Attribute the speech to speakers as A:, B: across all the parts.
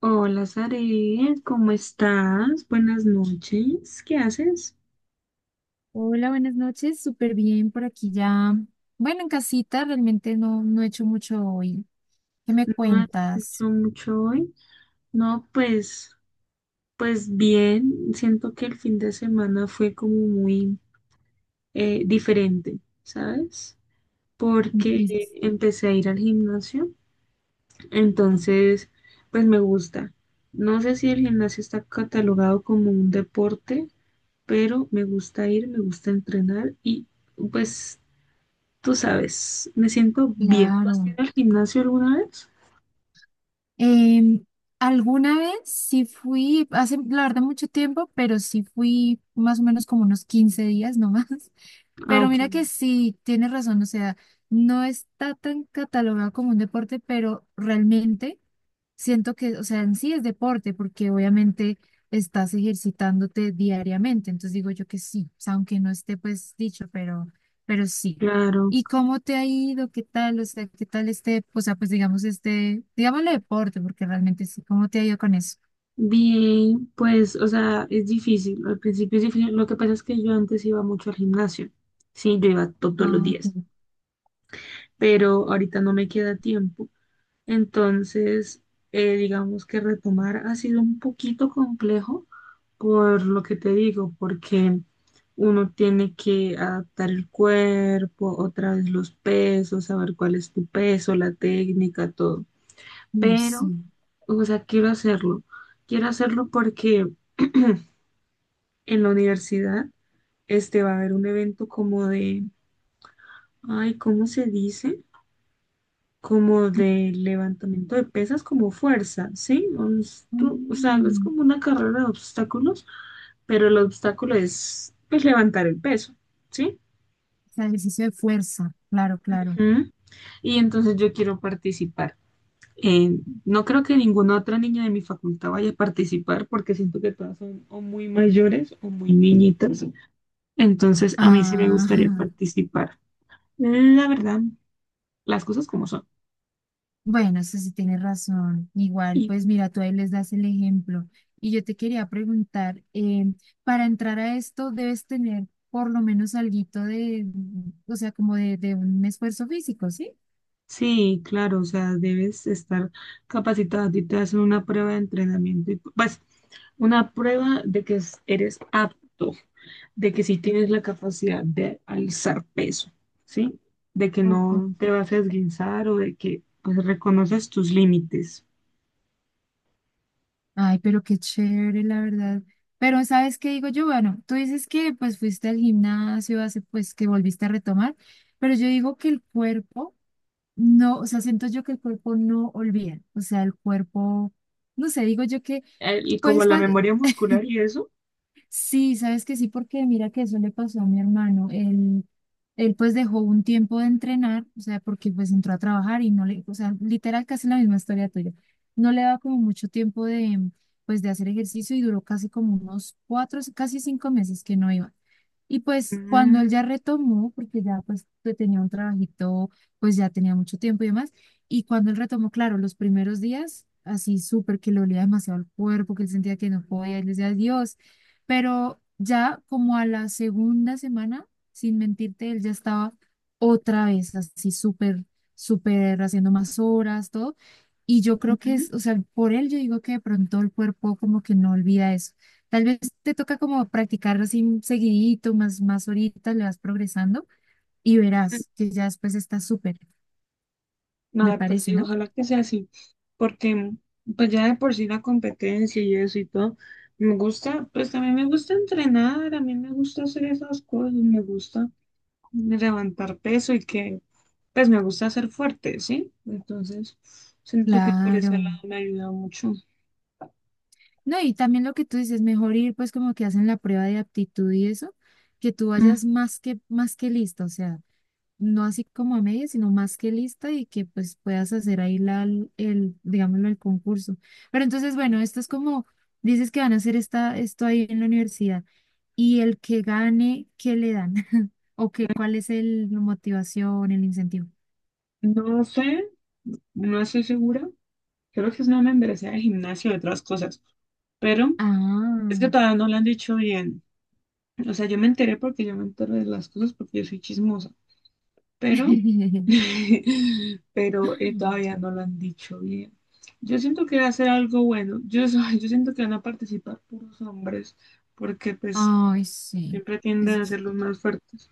A: Hola, Sare, ¿cómo estás? Buenas noches. ¿Qué haces?
B: Hola, buenas noches, súper bien por aquí ya. Bueno, en casita realmente no, no he hecho mucho hoy. ¿Qué me
A: ¿No has hecho
B: cuentas?
A: mucho hoy? No, pues bien. Siento que el fin de semana fue como muy diferente, ¿sabes? Porque
B: Sí,
A: empecé a ir al gimnasio, entonces, pues me gusta. No sé si el gimnasio está catalogado como un deporte, pero me gusta ir, me gusta entrenar y pues tú sabes, me siento bien. ¿Tú has ido
B: claro.
A: al gimnasio alguna vez?
B: Em, alguna vez sí fui, hace la verdad mucho tiempo, pero sí fui más o menos como unos 15 días nomás.
A: Ah,
B: Pero
A: ok,
B: mira que sí, tienes razón, o sea, no está tan catalogado como un deporte, pero realmente. Siento que, o sea, en sí es deporte, porque obviamente estás ejercitándote diariamente. Entonces digo yo que sí, o sea, aunque no esté pues dicho, pero sí.
A: claro.
B: ¿Y cómo te ha ido? ¿Qué tal? O sea, ¿qué tal este, o sea, pues digamos este, digámosle deporte, porque realmente sí? ¿Cómo te ha ido con eso?
A: Bien, pues, o sea, es difícil. Al principio es difícil. Lo que pasa es que yo antes iba mucho al gimnasio. Sí, yo iba todos los
B: Ah,
A: días,
B: ok.
A: pero ahorita no me queda tiempo. Entonces, digamos que retomar ha sido un poquito complejo por lo que te digo, porque uno tiene que adaptar el cuerpo, otra vez los pesos, saber cuál es tu peso, la técnica, todo.
B: Uy, sí.
A: Pero, o sea, quiero hacerlo. Quiero hacerlo porque en la universidad este va a haber un evento como de, ay, ¿cómo se dice? Como de levantamiento de pesas, como fuerza, ¿sí? Un o sea, es
B: Mm,
A: como una carrera de obstáculos, pero el obstáculo es, pues, levantar el peso, ¿sí?
B: o sea, ejercicio de fuerza, claro, claro.
A: Ujú. Y entonces yo quiero participar. Eh, no creo que ninguna otra niña de mi facultad vaya a participar porque siento que todas son o muy mayores o muy niñitas. Entonces a mí sí me
B: Ah.
A: gustaría participar. La verdad, las cosas como son.
B: Bueno, eso sí tienes razón. Igual, pues mira, tú ahí les das el ejemplo. Y yo te quería preguntar, para entrar a esto debes tener por lo menos alguito de, o sea, como de un esfuerzo físico, ¿sí?
A: Sí, claro, o sea, debes estar capacitado. A ti te hacen una prueba de entrenamiento, y, pues una prueba de que eres apto, de que sí tienes la capacidad de alzar peso, ¿sí? De que
B: Ok.
A: no te vas a esguinzar o de que pues reconoces tus límites.
B: Ay, pero qué chévere, la verdad. Pero ¿sabes qué digo yo? Bueno, tú dices que pues fuiste al gimnasio hace pues que volviste a retomar, pero yo digo que el cuerpo no, o sea, siento yo que el cuerpo no olvida, o sea, el cuerpo, no sé, digo yo que
A: Y como
B: pues
A: la memoria muscular y eso.
B: sí, sabes que sí, porque mira que eso le pasó a mi hermano. Él pues dejó un tiempo de entrenar, o sea, porque pues entró a trabajar y no le, o sea, literal casi la misma historia tuya. No le daba como mucho tiempo de, pues de hacer ejercicio y duró casi como unos 4, casi 5 meses que no iba. Y pues cuando él
A: Mm,
B: ya retomó, porque ya pues que tenía un trabajito, pues ya tenía mucho tiempo y demás, y cuando él retomó, claro, los primeros días, así súper que le olía demasiado el cuerpo, que él sentía que no podía, él decía, Dios, pero ya como a la segunda semana, sin mentirte, él ya estaba otra vez así súper, súper haciendo más horas, todo, y yo creo que
A: ujú.
B: es, o sea, por él yo digo que de pronto el cuerpo como que no olvida eso. Tal vez te toca como practicarlo así seguidito, más, más ahorita le vas progresando y verás que ya después está súper, me
A: Nada, pues
B: parece,
A: sí,
B: ¿no?
A: ojalá que sea así, porque pues ya de por sí la competencia y eso y todo, me gusta, pues también me gusta entrenar, a mí me gusta hacer esas cosas, me gusta levantar peso y que pues me gusta ser fuerte, ¿sí? Entonces, siento que por ese
B: Claro.
A: lado me ayuda mucho.
B: No, y también lo que tú dices, mejor ir pues como que hacen la prueba de aptitud y eso, que tú vayas
A: Mm,
B: más que lista, o sea, no así como a medias, sino más que lista y que pues puedas hacer ahí la, el, digámoslo, el concurso. Pero entonces, bueno, esto es como, dices que van a hacer esto ahí en la universidad. Y el que gane, ¿qué le dan? ¿O qué, cuál es el, la motivación, el incentivo?
A: No sé, no estoy segura, creo que es una membresía de gimnasio y otras cosas, pero es que
B: Ah.
A: todavía no lo han dicho bien. O sea, yo me enteré porque yo me entero de las cosas porque yo soy chismosa, pero, pero todavía no lo han dicho bien. Yo siento que va a ser algo bueno. Yo, yo siento que van a participar puros hombres porque pues
B: Ay, sí.
A: siempre tienden a ser los más fuertes.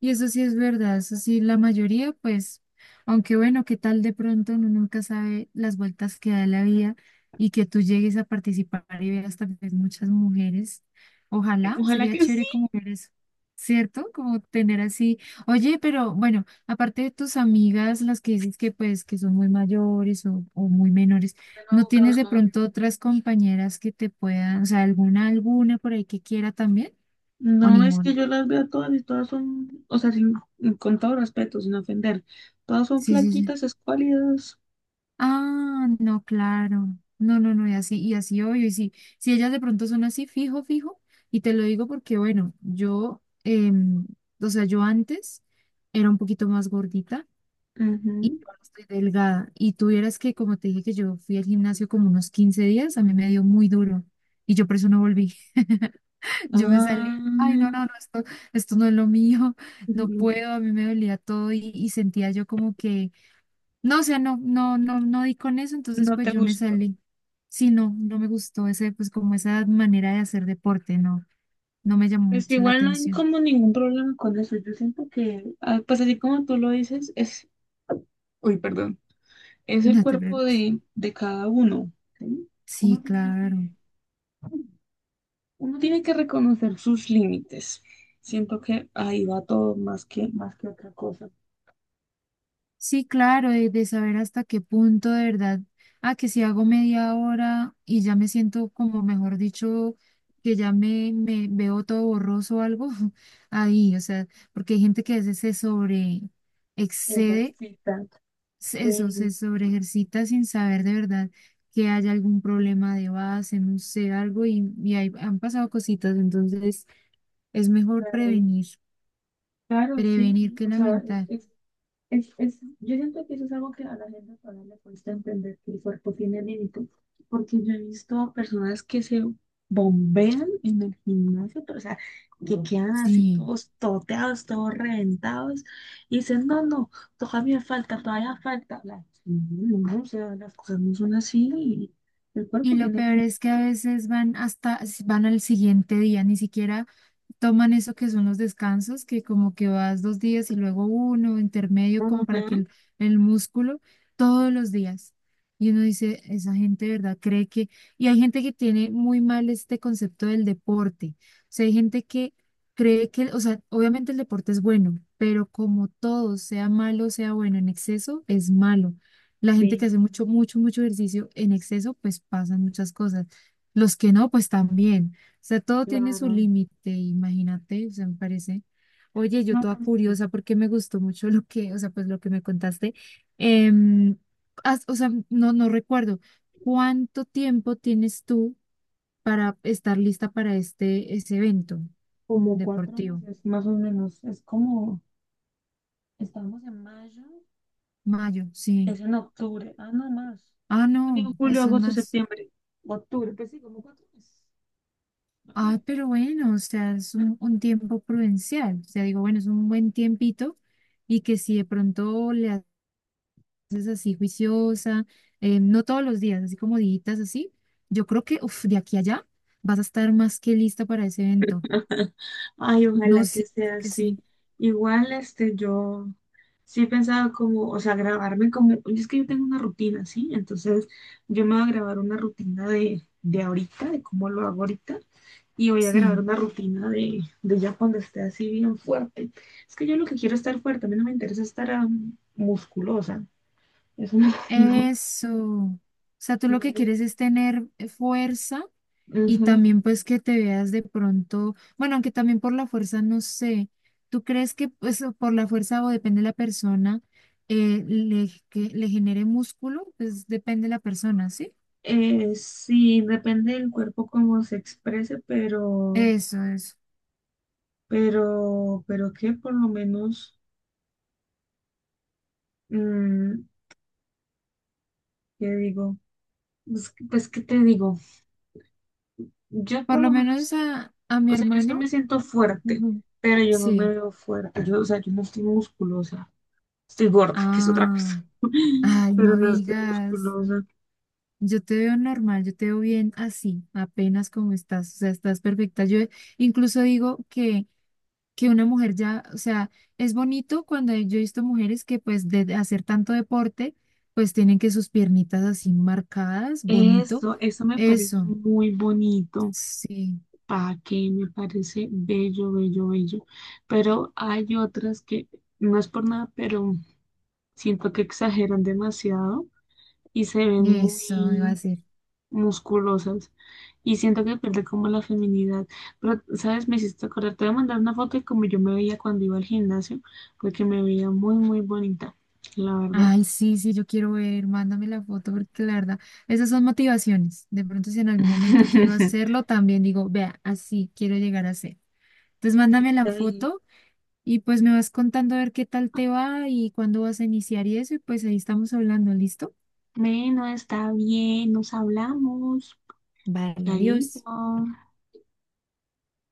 B: Y eso sí es verdad, eso sí, la mayoría, pues, aunque bueno, qué tal de pronto uno nunca sabe las vueltas que da la vida y que tú llegues a participar y veas tal vez muchas mujeres. Ojalá,
A: Ojalá
B: sería
A: que sí.
B: chévere como ver eso, ¿cierto? Como tener así, oye, pero bueno, aparte de tus amigas, las que dices que pues que son muy mayores o muy menores, ¿no tienes de
A: Ajá.
B: pronto otras compañeras que te puedan, o sea, alguna, alguna por ahí que quiera también o
A: No es que
B: ninguna?
A: yo las vea todas y todas son, o sea, con todo respeto, sin ofender, todas son
B: Sí, sí, sí.
A: flaquitas, escuálidas.
B: Ah, no, claro. No, no, no, y así obvio. Y si, si ellas de pronto son así, fijo, fijo, y te lo digo porque, bueno, yo, o sea, yo antes era un poquito más gordita y
A: Ujú.
B: ahora estoy delgada. Y tuvieras que, como te dije, que yo fui al gimnasio como unos 15 días, a mí me dio muy duro. Y yo por eso no volví. Yo me salí, ay, no, no,
A: Ah,
B: no, esto no es lo mío, no puedo, a mí me dolía todo y sentía yo como que no, o sea, no, no, no, no di con eso, entonces
A: no
B: pues
A: te
B: yo me
A: gusta.
B: salí. Sí, no, no me gustó ese, pues como esa manera de hacer deporte, no, no me llamó
A: Es que
B: mucho la
A: igual no hay
B: atención.
A: como ningún problema con eso. Yo siento que, pues así como tú lo dices, es, uy, perdón, es el
B: No te
A: cuerpo
B: preocupes.
A: de, cada uno, ¿sí?
B: Sí,
A: Uno tiene
B: claro.
A: que, uno tiene que reconocer sus límites. Siento que ahí va todo más que otra cosa.
B: Sí, claro, de saber hasta qué punto de verdad, que si hago media hora y ya me siento como, mejor dicho, que ya me veo todo borroso o algo, ahí, o sea, porque hay gente que a veces se sobre excede
A: Ejercita.
B: eso, se
A: Sí,
B: sobreejercita sin saber de verdad que haya algún problema de base, no sé, algo, y ahí han pasado cositas, entonces es mejor
A: claro.
B: prevenir,
A: Claro, sí.
B: prevenir
A: Y,
B: que
A: o sea,
B: lamentar.
A: es es, yo siento que eso es algo que a la gente todavía le cuesta entender que el cuerpo tiene límites, porque yo he visto personas que se bombean en el gimnasio, pero, o sea, que no quedan así
B: Sí,
A: todos toteados, todos reventados, y dicen, no, no, todavía falta, todavía falta. No, no, o sea, las cosas no son así, y el
B: y
A: cuerpo
B: lo
A: tiene
B: peor
A: límites.
B: es que a veces van hasta, van al siguiente día, ni siquiera toman eso que son los descansos, que como que vas 2 días y luego uno, intermedio, como para que
A: Ajá,
B: el músculo, todos los días. Y uno dice, esa gente, ¿de verdad cree que...? Y hay gente que tiene muy mal este concepto del deporte. O sea, hay gente que cree que, o sea, obviamente el deporte es bueno, pero como todo, sea malo, sea bueno, en exceso es malo. La gente que
A: sí,
B: hace mucho, mucho, mucho ejercicio en exceso, pues pasan muchas cosas. Los que no, pues también. O sea, todo tiene su
A: claro.
B: límite, imagínate, o sea, me parece. Oye, yo
A: No,
B: toda
A: pues,
B: curiosa porque me gustó mucho lo que, o sea, pues lo que me contaste. Em, o sea, no, no recuerdo. ¿Cuánto tiempo tienes tú para estar lista para este, ese evento
A: como cuatro
B: deportivo?
A: meses más o menos. Es como, estamos en mayo.
B: Mayo, sí.
A: Es en octubre. Ah, no más.
B: Ah, no,
A: Junio, julio,
B: eso es
A: agosto,
B: más.
A: septiembre. Octubre, pues sí, como 4 meses más o
B: Ah, pero bueno, o sea, es un tiempo prudencial. O sea, digo, bueno, es un buen tiempito y que si
A: menos.
B: de pronto le es así juiciosa, no todos los días, así como ditas así, yo creo que uf, de aquí a allá vas a estar más que lista para ese evento.
A: Ay,
B: No,
A: ojalá que
B: sí,
A: sea
B: sé que sí.
A: así. Igual, este, yo sí pensaba como, o sea, grabarme como, y es que yo tengo una rutina, ¿sí? Entonces, yo me voy a grabar una rutina de, ahorita, de cómo lo hago ahorita, y voy a grabar
B: Sí,
A: una rutina de ya cuando esté así bien fuerte. Es que yo lo que quiero es estar fuerte, a mí no me interesa estar musculosa. Eso no, no,
B: eso. O sea, tú lo
A: no
B: que
A: me.
B: quieres es tener fuerza y
A: Ujú.
B: también pues que te veas de pronto, bueno, aunque también por la fuerza, no sé, ¿tú crees que pues o por la fuerza o depende de la persona, que le genere músculo? Pues depende de la persona, ¿sí?
A: Sí, depende del cuerpo cómo se exprese, pero,
B: Eso, eso.
A: pero, pero que por lo menos, mm, ¿qué digo? Pues, pues, ¿qué te digo? Yo
B: Por
A: por
B: lo
A: lo
B: menos
A: menos,
B: a mi
A: o sea, yo sí me
B: hermano.
A: siento fuerte,
B: Ujú.
A: pero yo no me
B: Sí.
A: veo fuerte. Yo, o sea, yo no estoy musculosa. Estoy gorda, que es otra cosa.
B: Ah, ay,
A: Pero
B: no
A: no estoy
B: digas.
A: musculosa.
B: Yo te veo normal, yo te veo bien así, apenas como estás, o sea, estás perfecta. Yo incluso digo que una mujer ya, o sea, es bonito cuando yo he visto mujeres que pues de hacer tanto deporte, pues tienen que sus piernitas así marcadas, bonito.
A: Eso me parece
B: Eso,
A: muy bonito.
B: sí,
A: Pa' que me parece bello, bello, bello. Pero hay otras que, no es por nada, pero siento que exageran demasiado y se ven
B: eso, iba a
A: muy
B: decir.
A: musculosas. Y siento que pierde como la feminidad. Pero, ¿sabes? Me hiciste acordar. Te voy a mandar una foto de como yo me veía cuando iba al gimnasio, porque me veía muy, muy bonita, la verdad.
B: Ay, sí, sí, yo quiero ver, mándame la foto porque la verdad, esas son motivaciones. De pronto si en algún momento quiero hacerlo, también digo, vea, así quiero llegar a ser. Entonces mándame la
A: Está bien,
B: foto y pues me vas contando a ver qué tal te va y cuándo vas a iniciar y eso, y pues ahí estamos hablando, ¿listo?
A: bueno, está bien, nos hablamos.
B: Vale,
A: Chaito.
B: adiós.